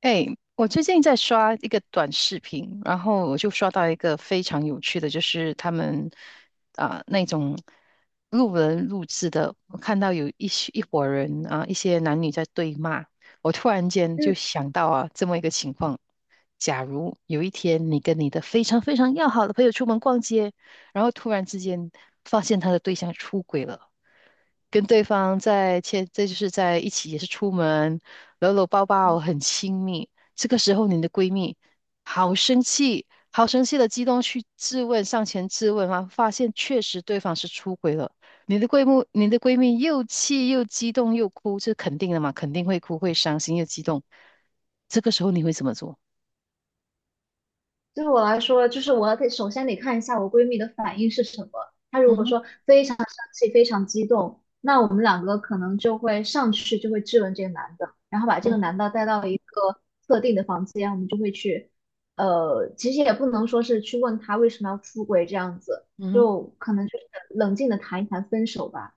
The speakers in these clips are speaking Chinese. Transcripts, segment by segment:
哎，我最近在刷一个短视频，然后我就刷到一个非常有趣的，就是他们啊、那种路人录制的，我看到有一些一伙人啊、一些男女在对骂，我突然间嗯，就想到啊这么一个情况：假如有一天你跟你的非常要好的朋友出门逛街，然后突然之间发现他的对象出轨了，跟对方在切，这就是在一起，也是出门搂搂抱抱，很亲密。这个时候，你的闺蜜好生气，好生气的激动去质问，上前质问啊，发现确实对方是出轨了。你的闺蜜又气又激动又哭，这肯定的嘛，肯定会哭，会伤心又激动。这个时候你会怎么做？对我来说，就是我得首先得看一下我闺蜜的反应是什么。她嗯如果哼，说非常生气、非常激动，那我们两个可能就会上去就会质问这个男的，然后把这嗯个哼，男的带到一个特定的房间，我们就会去，其实也不能说是去问他为什么要出轨这样子，嗯哼，就可能就是冷静的谈一谈分手吧。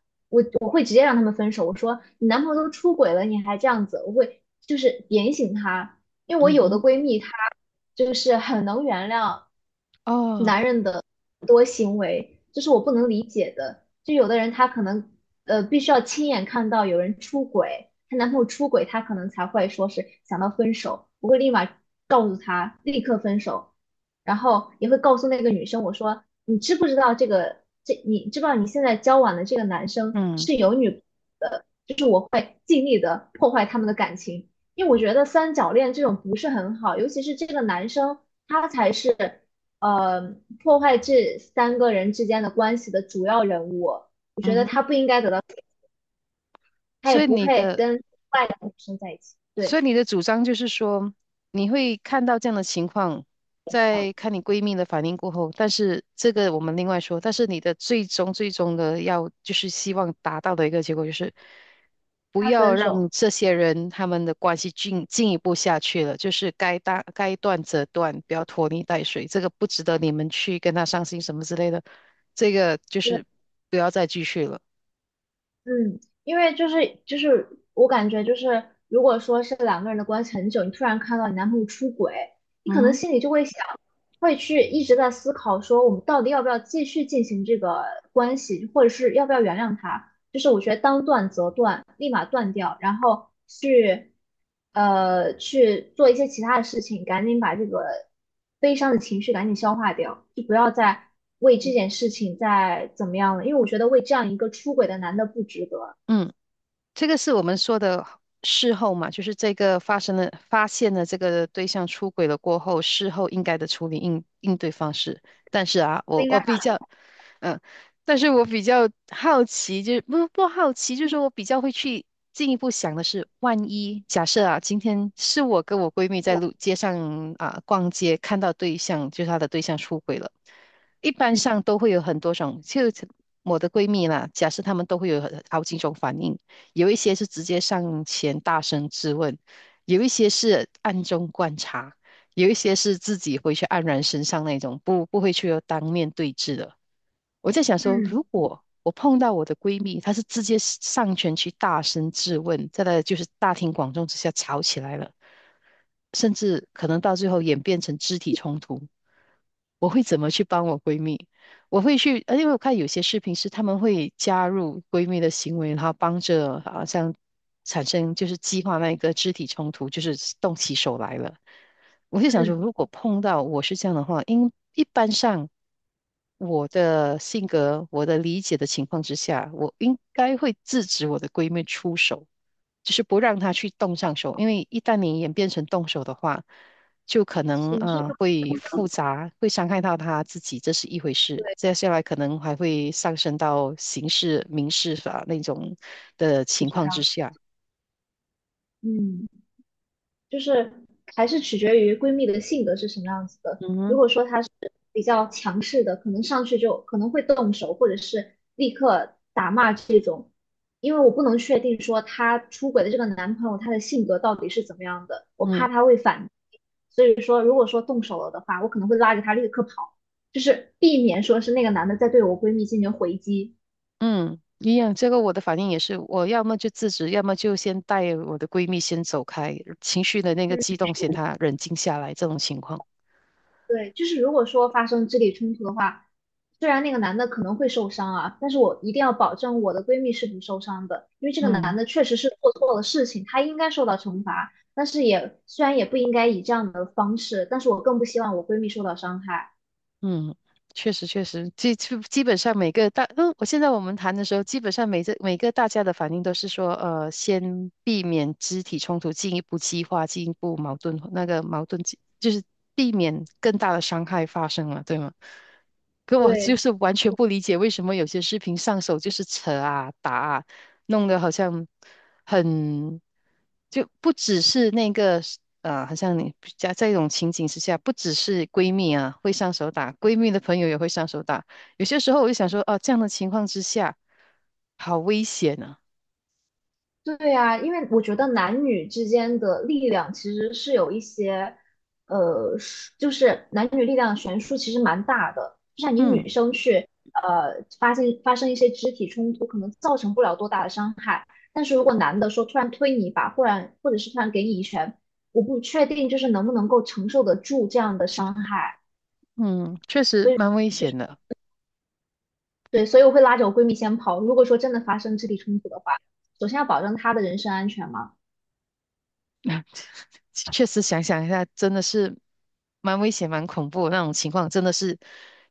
我会直接让他们分手。我说你男朋友都出轨了，你还这样子，我会就是点醒他，因为我嗯有的哼，闺蜜她就是很能原谅哦，男人的很多行为，这是我不能理解的。就有的人她可能必须要亲眼看到有人出轨，她男朋友出轨，她可能才会说是想到分手。我会立马告诉她立刻分手，然后也会告诉那个女生我说你知不知道这个？这你知不知道你现在交往的这个男生嗯，是有女朋友的？就是我会尽力的破坏他们的感情，因为我觉得三角恋这种不是很好，尤其是这个男生他才是呃破坏这三个人之间的关系的主要人物，我觉嗯得哼，他不应该得到，他也所以不你配的跟外两个女生在一起。所以对你的主张就是说，你会看到这样的情况，在看你闺蜜的反应过后，但是这个我们另外说，但是你的最终的要就是希望达到的一个结果就是，不他要分让手。这些人他们的关系进一步下去了，就是该大，该断则断，不要拖泥带水，这个不值得你们去跟他伤心什么之类的，这个就是不要再继续了。嗯，因为就是我感觉就是，如果说是两个人的关系很久，你突然看到你男朋友出轨，你可嗯能哼，心里就会想，会去一直在思考说我们到底要不要继续进行这个关系，或者是要不要原谅他。就是我觉得当断则断，立马断掉，然后去去做一些其他的事情，赶紧把这个悲伤的情绪赶紧消化掉，就不要再为这件事情再怎么样了，因为我觉得为这样一个出轨的男的不值得，嗯。这个是我们说的事后嘛，就是这个发生了，发现了这个对象出轨了过后，事后应该的处理应对方式。但是啊，不我应该我比较，嗯，但是我比较好奇，就是不不好奇，就是说我比较会去进一步想的是，万一假设啊，今天是我跟我闺蜜把在我，路街上啊逛街，看到对象，就是她的对象出轨了。一般嗯上都会有很多种，就我的闺蜜啦，假设她们都会有很好几种反应。有一些是直接上前大声质问，有一些是暗中观察，有一些是自己回去黯然神伤那种，不会去当面对质的。我在想说，嗯如果我碰到我的闺蜜，她是直接上前去大声质问，在那就是大庭广众之下吵起来了，甚至可能到最后演变成肢体冲突，我会怎么去帮我闺蜜？我会去，因为我看有些视频是她们会加入闺蜜的行为，然后帮着好像产生就是激化那个肢体冲突，就是动起手来了。我就想说，嗯，如果碰到我是这样的话，因一般上我的性格、我的理解的情况之下，我应该会制止我的闺蜜出手，就是不让她去动上手，因为一旦你演变成动手的话，就可能情绪啊、就会复杂，会伤害到她自己，这是一回事。接下来可能还会上升到刑事、民事法那种的不情值况之得。下。嗯。就是还是取决于闺蜜的性格是什么样子的。嗯如哼果说她是比较强势的，可能上去就可能会动手，或者是立刻打骂这种。因为我不能确定说她出轨的这个男朋友他的性格到底是怎么样的，我怕嗯。他会反。所以说，如果说动手了的话，我可能会拉着他立刻跑，就是避免说是那个男的在对我闺蜜进行回击。嗯，一样，这个我的反应也是，我要么就制止，要么就先带我的闺蜜先走开，情绪的那个激动，先她冷静下来，这种情况。对，就是如果说发生肢体冲突的话，虽然那个男的可能会受伤啊，但是我一定要保证我的闺蜜是不受伤的，因为这个男嗯。的确实是做错了事情，他应该受到惩罚，但是也虽然也不应该以这样的方式，但是我更不希望我闺蜜受到伤害。嗯，确实，基本上每个大，嗯，我现在我们谈的时候，基本上每次每个大家的反应都是说，先避免肢体冲突，进一步激化，进一步矛盾，那个矛盾激就是避免更大的伤害发生了，对吗？可我就对，是完全不理解为什么有些视频上手就是扯啊打啊，弄得好像。很，就不只是那个好像你在一种情景之下，不只是闺蜜啊会上手打，闺蜜的朋友也会上手打。有些时候我就想说，哦、这样的情况之下，好危险啊！对呀，因为我觉得男女之间的力量其实是有一些，是就是男女力量悬殊其实蛮大的。就像你嗯女生去，发现发生一些肢体冲突，可能造成不了多大的伤害。但是如果男的说突然推你一把，忽然或者是突然给你一拳，我不确定就是能不能够承受得住这样的伤害。嗯，确实所以蛮危就是险的。对，所以我会拉着我闺蜜先跑。如果说真的发生肢体冲突的话，首先要保证她的人身安全嘛。确实想想一下，真的是蛮危险、蛮恐怖的那种情况，真的是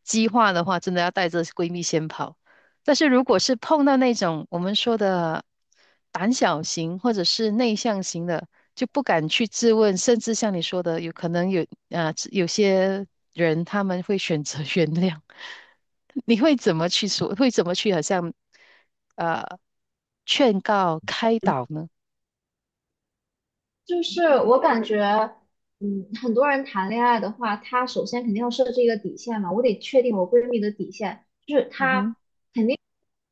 激化的话，真的要带着闺蜜先跑。但是如果是碰到那种我们说的胆小型或者是内向型的，就不敢去质问，甚至像你说的，有可能有啊、有些人他们会选择 原谅。你会怎么去说？会怎么去好像啊，劝告、开导呢？就是我感觉，嗯，很多人谈恋爱的话，他首先肯定要设置一个底线嘛。我得确定我闺蜜的底线，就是嗯哼，她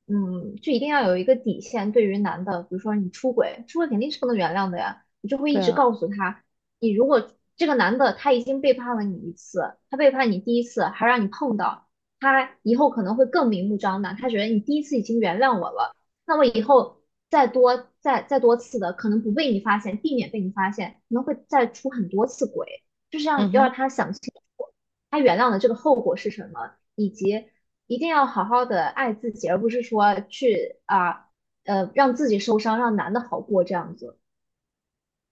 嗯，就一定要有一个底线。对于男的，比如说你出轨，出轨肯定是不能原谅的呀，你就会对一直啊。告诉他，你如果这个男的他已经背叛了你一次，他背叛你第一次，还让你碰到，他以后可能会更明目张胆，他觉得你第一次已经原谅我了，那我以后再多次的，可能不被你发现，避免被你发现，可能会再出很多次轨，就是让嗯要哼。让他想清楚，他原谅的这个后果是什么，以及一定要好好的爱自己，而不是说去啊让自己受伤，让男的好过这样子。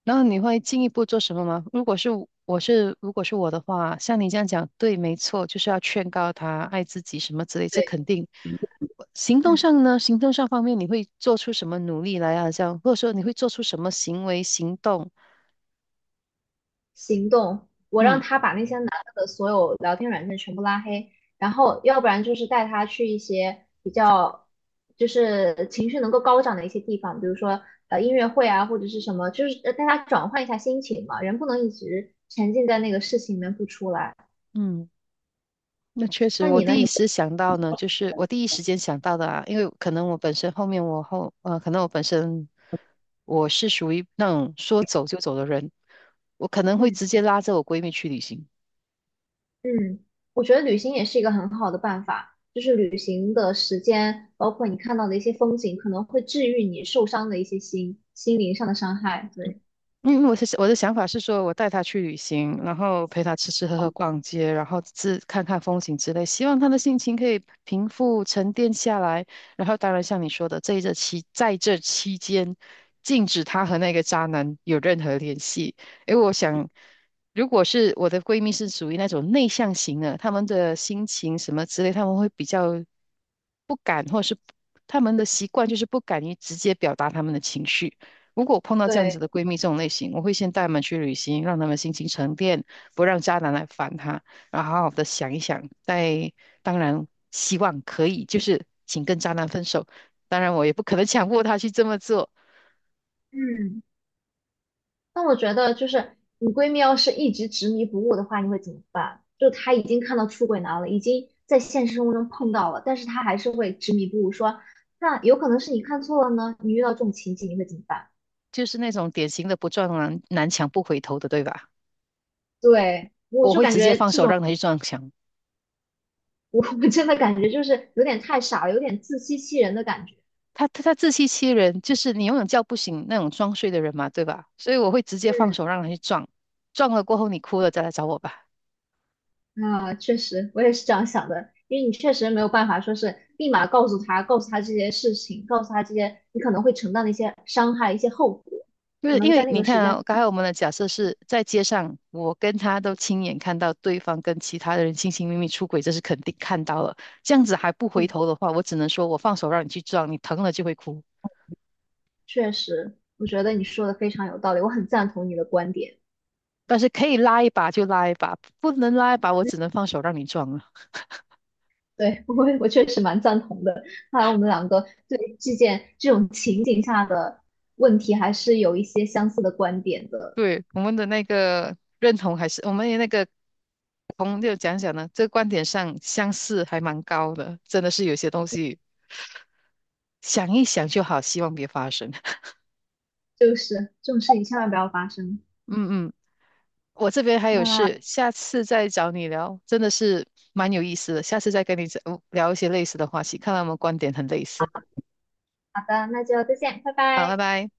然后你会进一步做什么吗？如果是我是如果是我的话，像你这样讲，对，没错，就是要劝告他爱自己什么之类，这对，肯定。行动嗯，上呢，行动上方面你会做出什么努力来啊？这样，或者说你会做出什么行为行动？行动，我让嗯他把那些男的的所有聊天软件全部拉黑，然后要不然就是带他去一些比较就是情绪能够高涨的一些地方，比如说音乐会啊或者是什么，就是带他转换一下心情嘛，人不能一直沉浸在那个事情里面不出来。嗯，那确实，那你呢？你我第一时间想到的啊，因为可能我本身后面我后可能我本身我是属于那种说走就走的人，我可能会嗯。直接拉着我闺蜜去旅行。嗯，我觉得旅行也是一个很好的办法，就是旅行的时间，包括你看到的一些风景，可能会治愈你受伤的一些心灵上的伤害。对，因为我的想法是说，我带他去旅行，然后陪他吃吃喝喝、逛街，然后自看看风景之类，希望他的心情可以平复、沉淀下来。然后，当然像你说的，这一这期在这期间，禁止他和那个渣男有任何联系。因为我想，如果是我的闺蜜是属于那种内向型的，她们的心情什么之类，她们会比较不敢，或者是她们的习惯就是不敢于直接表达她们的情绪。如果碰到这样子对，的闺蜜这种类型，我会先带她们去旅行，让她们心情沉淀，不让渣男来烦她，然后好好的想一想。再当然，希望可以，就是请跟渣男分手。当然，我也不可能强迫她去这么做，嗯，那我觉得就是你闺蜜要是一直执迷不悟的话，你会怎么办？就她已经看到出轨男了，已经在现实生活中碰到了，但是她还是会执迷不悟，说那有可能是你看错了呢。你遇到这种情景，你会怎么办？就是那种典型的不撞南墙不回头的，对吧？对，我我就会感直接觉放这手种。让她去撞墙。我真的感觉就是有点太傻了，有点自欺欺人的感觉。她自欺欺人，就是你永远叫不醒那种装睡的人嘛，对吧？所以我会直接放嗯，手让她去撞，撞了过后你哭了再来找我吧。啊，确实，我也是这样想的，因为你确实没有办法说是立马告诉他，告诉他这些事情，告诉他这些你可能会承担的一些伤害、一些后果，就是可因能在为那你个时看间，啊，刚才我们的假设是在街上，我跟他都亲眼看到对方跟其他的人亲亲密密出轨，这是肯定看到了。这样子还不回嗯，头的话，我只能说我放手让你去撞，你疼了就会哭。确实，我觉得你说的非常有道理，我很赞同你的观点，但是可以拉一把就拉一把，不能拉一把，我只能放手让你撞了。对，我确实蛮赞同的。看来我们两个对这件这种情景下的问题还是有一些相似的观点的。对，我们的那个认同还是我们的那个同就讲讲呢，这个观点上相似还蛮高的，真的是有些东西想一想就好，希望别发生。就是这种事情千万不要发生。嗯我这边还有事，下次再找你聊，真的是蛮有意思的。下次再跟你讲聊一些类似的话题，看来我们观点很类似。好的，那就再见，拜好，拜拜。拜。